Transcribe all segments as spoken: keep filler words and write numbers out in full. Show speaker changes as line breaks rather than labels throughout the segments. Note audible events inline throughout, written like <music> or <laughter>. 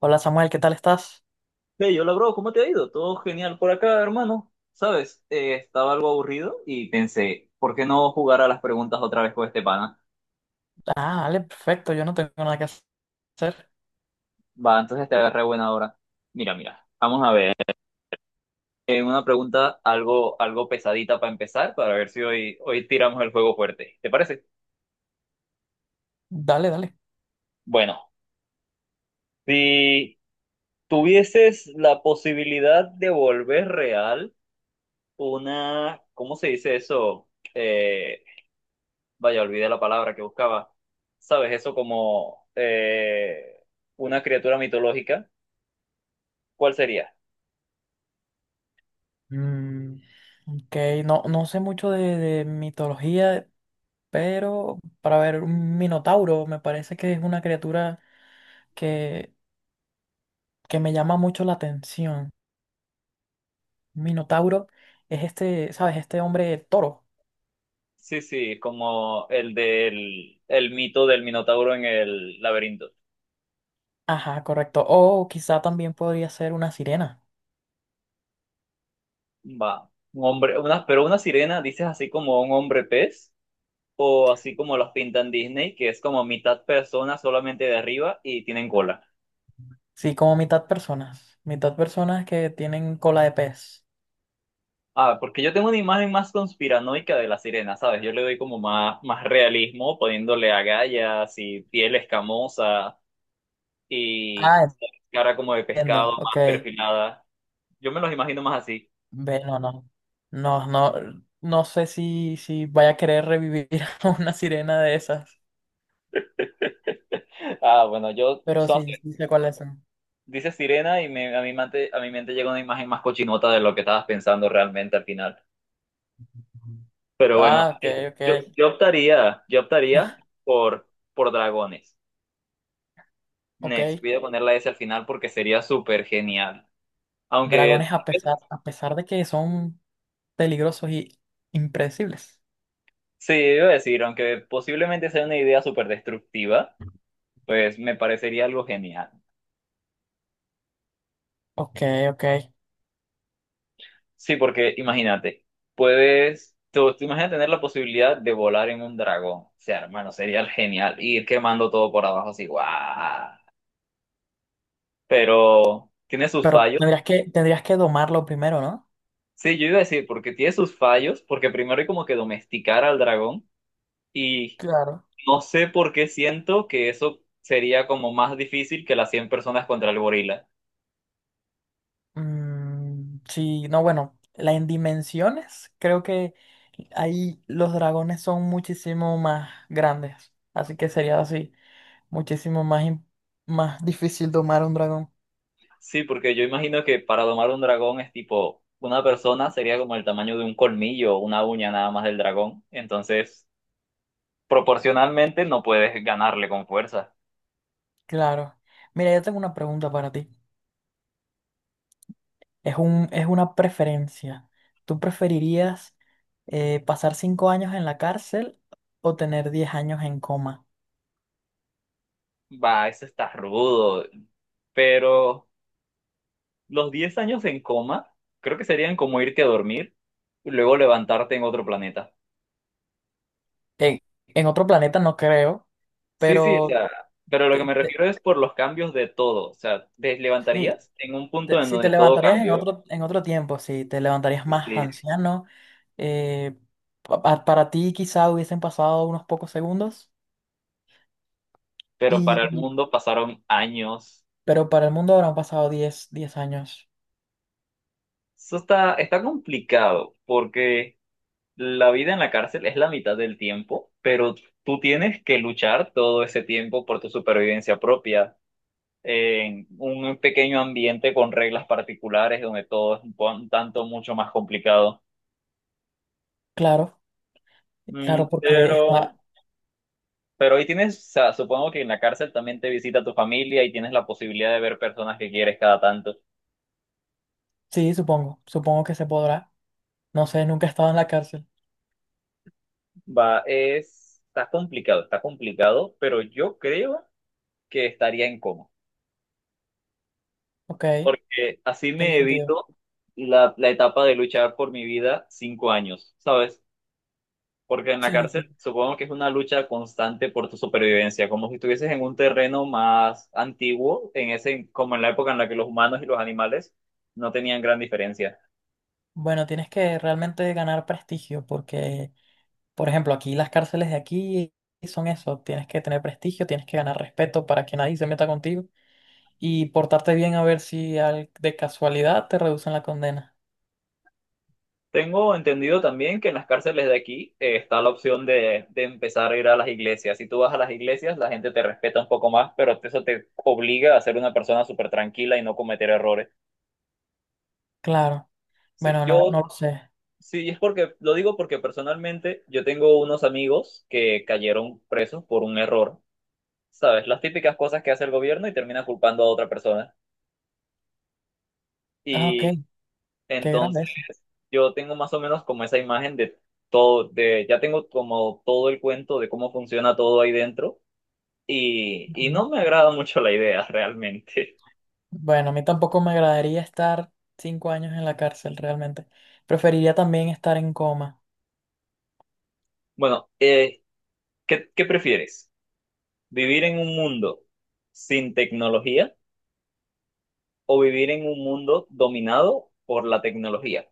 Hola Samuel, ¿qué tal estás?
Hey, hola bro, ¿cómo te ha ido? Todo genial por acá, hermano. Sabes, Eh, estaba algo aburrido y pensé, ¿por qué no jugar a las preguntas otra vez con este pana?
Ah, dale, perfecto, yo no tengo nada que hacer.
Va, entonces te agarré buena hora. Mira, mira, vamos a ver. Eh, una pregunta algo, algo pesadita para empezar, para ver si hoy, hoy tiramos el juego fuerte. ¿Te parece?
Dale, dale.
Bueno, si tuvieses la posibilidad de volver real una, ¿cómo se dice eso? Eh, Vaya, olvidé la palabra que buscaba, ¿sabes? Eso como eh, una criatura mitológica, ¿cuál sería?
Mm, ok, no, no sé mucho de, de mitología, pero para ver, un minotauro me parece que es una criatura que, que me llama mucho la atención. Minotauro es este, ¿sabes? Este hombre toro.
Sí, sí, como el del el mito del Minotauro en el laberinto.
Ajá, correcto. O quizá también podría ser una sirena.
Va, un hombre, una, pero una sirena, dices así como un hombre pez, o así como los pintan Disney, que es como mitad persona solamente de arriba y tienen cola.
Sí, como mitad personas. Mitad personas que tienen cola de pez.
Ah, porque yo tengo una imagen más conspiranoica de la sirena, ¿sabes? Yo le doy como más, más realismo, poniéndole agallas y piel escamosa, y
Ah,
cara como de pescado,
entiendo, ok.
más perfilada. Yo me los imagino más así.
Ve, no, no. No, no, no sé si, si vaya a querer revivir <laughs> a una sirena de esas,
Ah, bueno, yo,
pero
son-
sí, sí sé cuáles son.
dice sirena y me- a mi mente, a mi mente llega una imagen más cochinota de lo que estabas pensando realmente al final.
Ujú.
Pero bueno,
Ah, ok, ok,
yo, yo optaría, yo optaría por, por dragones.
ok.
Nes, voy a poner la S al final porque sería súper genial. Aunque,
Dragones a pesar, a pesar de que son peligrosos y impredecibles.
sí, iba a decir, aunque posiblemente sea una idea súper destructiva, pues me parecería algo genial.
Ok, ok.
Sí, porque imagínate, puedes, tú, tú imaginas tener la posibilidad de volar en un dragón. O sea, hermano, sería genial ir quemando todo por abajo así, guau. Pero tiene sus
Pero
fallos.
tendrías que, tendrías que domarlo primero, ¿no?
Sí, yo iba a decir, porque tiene sus fallos, porque primero hay como que domesticar al dragón y
Claro.
no sé por qué siento que eso sería como más difícil que las cien personas contra el gorila.
Mm, sí, no, bueno, la en dimensiones, creo que ahí los dragones son muchísimo más grandes. Así que sería así. Muchísimo más, im- Más difícil domar a un dragón.
Sí, porque yo imagino que para domar un dragón es tipo, una persona sería como el tamaño de un colmillo o una uña nada más del dragón. Entonces proporcionalmente no puedes ganarle con fuerza.
Claro. Mira, yo tengo una pregunta para ti. Es un, es una preferencia. ¿Tú preferirías eh, pasar cinco años en la cárcel o tener diez años en coma?
Va, eso está rudo. Pero los diez años en coma, creo que serían como irte a dormir y luego levantarte en otro planeta.
En, en otro planeta no creo,
Sí, sí, o
pero
sea, pero lo que
te-
me
te-
refiero es por los cambios de todo. O sea, te
sí,
levantarías en un punto
te-
en
si te
donde todo
levantarías en
cambió.
otro, en otro tiempo, si te levantarías
Y
más
sí,
anciano, eh, pa- pa- para ti quizá hubiesen pasado unos pocos segundos.
pero para el mundo pasaron años.
Pero para el mundo habrán pasado diez diez años.
Eso está, está complicado porque la vida en la cárcel es la mitad del tiempo, pero tú tienes que luchar todo ese tiempo por tu supervivencia propia, en un pequeño ambiente con reglas particulares donde todo es un po- un tanto mucho más complicado.
Claro, claro,
Mm,
porque <laughs>
pero,
está.
pero ahí tienes, o sea, supongo que en la cárcel también te visita tu familia y tienes la posibilidad de ver personas que quieres cada tanto.
Sí, supongo, supongo que se podrá. No sé, nunca he estado en la cárcel.
Va, es, está complicado, está complicado, pero yo creo que estaría en coma.
Ok,
Porque así
tiene
me
sentido.
evito la, la etapa de luchar por mi vida cinco años, ¿sabes? Porque en la
Sí, sí.
cárcel supongo que es una lucha constante por tu supervivencia, como si estuvieses en un terreno más antiguo, en ese, como en la época en la que los humanos y los animales no tenían gran diferencia.
Bueno, tienes que realmente ganar prestigio porque, por ejemplo, aquí las cárceles de aquí son eso. Tienes que tener prestigio, tienes que ganar respeto para que nadie se meta contigo y portarte bien a ver si al- de casualidad te reducen la condena.
Tengo entendido también que en las cárceles de aquí eh, está la opción de, de empezar a ir a las iglesias. Si tú vas a las iglesias, la gente te respeta un poco más, pero eso te obliga a ser una persona súper tranquila y no cometer errores.
Claro.
Sí,
Bueno, no,
yo
no lo sé.
Sí, y es porque, lo digo porque personalmente yo tengo unos amigos que cayeron presos por un error, ¿sabes? Las típicas cosas que hace el gobierno y termina culpando a otra persona.
Ah, ok,
Y
qué grave
entonces
eso.
yo tengo más o menos como esa imagen de todo, de, ya tengo como todo el cuento de cómo funciona todo ahí dentro y, y
Ujú.
no me agrada mucho la idea <laughs> realmente.
Bueno, a mí tampoco me agradaría estar cinco años en la cárcel realmente. Preferiría también estar en coma.
Bueno, eh, ¿qué, qué prefieres? ¿Vivir en un mundo sin tecnología o vivir en un mundo dominado por la tecnología?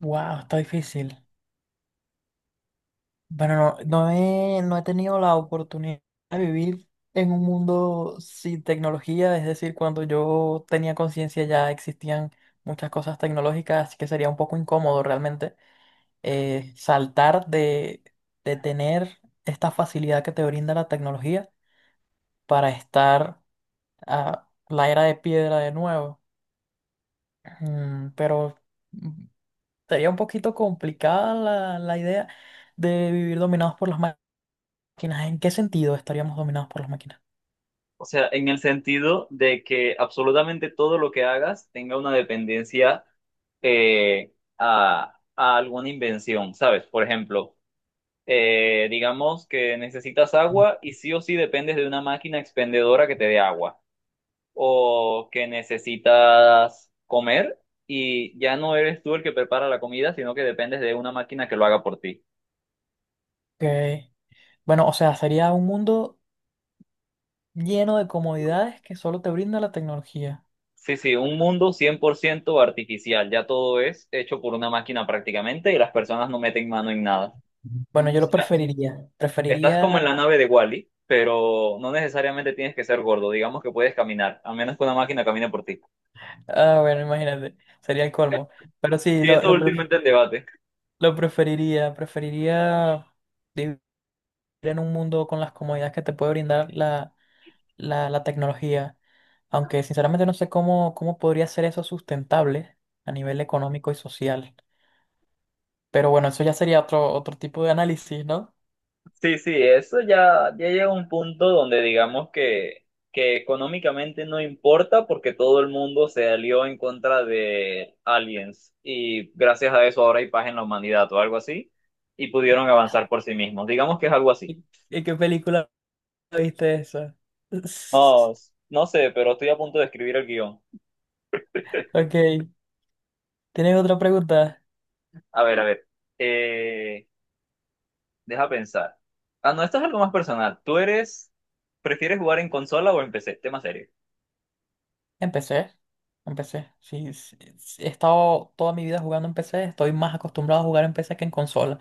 Wow, está difícil. Bueno, no, no he, no he tenido la oportunidad de vivir en un mundo sin tecnología, es decir, cuando yo tenía conciencia ya existían muchas cosas tecnológicas, así que sería un poco incómodo realmente eh, saltar de, de tener esta facilidad que te brinda la tecnología para estar a la era de piedra de nuevo. Mm, pero mm, sería un poquito complicada la, la idea de vivir dominados por las máquinas. ¿En qué sentido estaríamos dominados por las máquinas?
O sea, en el sentido de que absolutamente todo lo que hagas tenga una dependencia eh, a, a alguna invención, ¿sabes? Por ejemplo, eh, digamos que necesitas agua y sí o sí dependes de una máquina expendedora que te dé agua, o que necesitas comer y ya no eres tú el que prepara la comida, sino que dependes de una máquina que lo haga por ti.
Que, bueno, o sea, sería un mundo lleno de comodidades que solo te brinda la tecnología.
Sí, sí, un mundo cien por ciento artificial, ya todo es hecho por una máquina prácticamente y las personas no meten mano en nada. O
Bueno, yo lo
sea,
preferiría.
estás
Preferiría,
como en la nave de Wally, pero no necesariamente tienes que ser gordo, digamos que puedes caminar, a menos que una máquina camine por ti.
ah, bueno, imagínate, sería el colmo. Pero sí,
Sí,
lo,
esto
lo, pref-
últimamente en debate.
lo preferiría. Preferiría vivir en un mundo con las comodidades que te puede brindar la la, la tecnología, aunque sinceramente no sé cómo, cómo podría ser eso sustentable a nivel económico y social. Pero bueno, eso ya sería otro, otro tipo de análisis, ¿no?
Sí, sí, eso ya, ya llega a un punto donde digamos que, que económicamente no importa porque todo el mundo se alió en contra de aliens y gracias a eso ahora hay paz en la humanidad o algo así y pudieron avanzar por sí mismos. Digamos que es algo así.
¿Y, y qué película viste eso? <laughs>
No, s- no sé, pero estoy a punto de escribir el guión.
Ok, ¿tienes otra pregunta?
A ver, a ver. eh, Deja pensar. Ah, no, esto es algo más personal. ¿Tú eres, prefieres jugar en consola o en P C? Tema serio.
Empecé, empecé. Sí, sí, sí, he estado toda mi vida jugando en P C, estoy más acostumbrado a jugar en P C que en consola.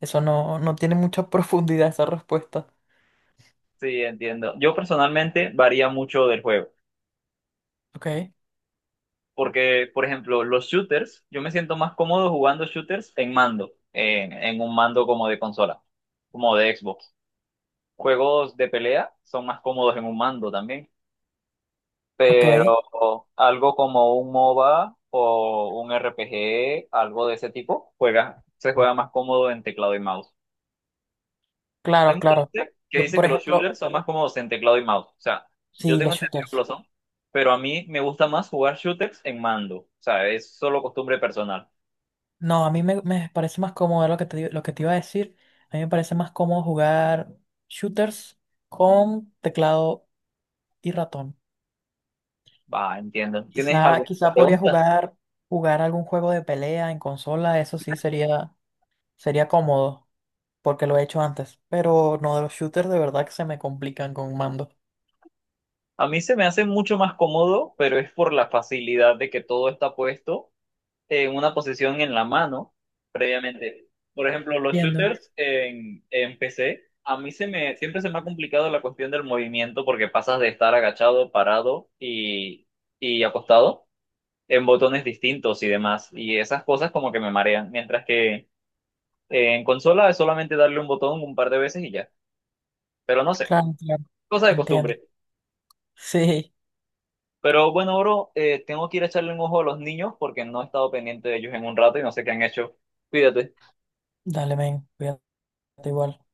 Eso no, no tiene mucha <laughs> profundidad esa respuesta.
Sí, entiendo. Yo personalmente varía mucho del juego.
Ok,
Porque, por ejemplo, los shooters, yo me siento más cómodo jugando shooters en mando, en, en un mando como de consola, como de Xbox. Juegos de pelea son más cómodos en un mando también,
ok,
pero algo como un MOBA o un R P G, algo de ese tipo, juega, se juega más cómodo en teclado y mouse. Hay
claro,
mucha
claro.
gente que
Yo,
dice
por
que los
ejemplo,
shooters son más cómodos en teclado y mouse. O sea, yo
sí,
tengo
los
entendido que lo
shooters.
son, pero a mí me gusta más jugar shooters en mando. O sea, es solo costumbre personal.
No, a mí me, me parece más cómodo lo que te, digo- lo que te iba a decir. A mí me parece más cómodo jugar shooters con teclado y ratón.
Ah, entiendo. ¿Tienes
Quizá,
alguna
quizá podría
pregunta?
jugar, jugar algún juego de pelea en consola, eso sí sería, sería cómodo, porque lo he hecho antes. Pero no, de los shooters de verdad que se me complican con un mando.
A mí se me hace mucho más cómodo, pero es por la facilidad de que todo está puesto en una posición en la mano previamente. Por ejemplo, los
Entiendo.
shooters en, en P C, a mí se me, siempre se me ha complicado la cuestión del movimiento porque pasas de estar agachado, parado y, y acostado en botones distintos y demás. Y esas cosas como que me marean. Mientras que eh, en consola es solamente darle un botón un par de veces y ya. Pero no sé,
Claro, claro.
cosa de
Entiendo.
costumbre.
Sí.
Pero bueno, bro, eh, tengo que ir a echarle un ojo a los niños porque no he estado pendiente de ellos en un rato y no sé qué han hecho. Cuídate.
Dale, men, cuídate igual.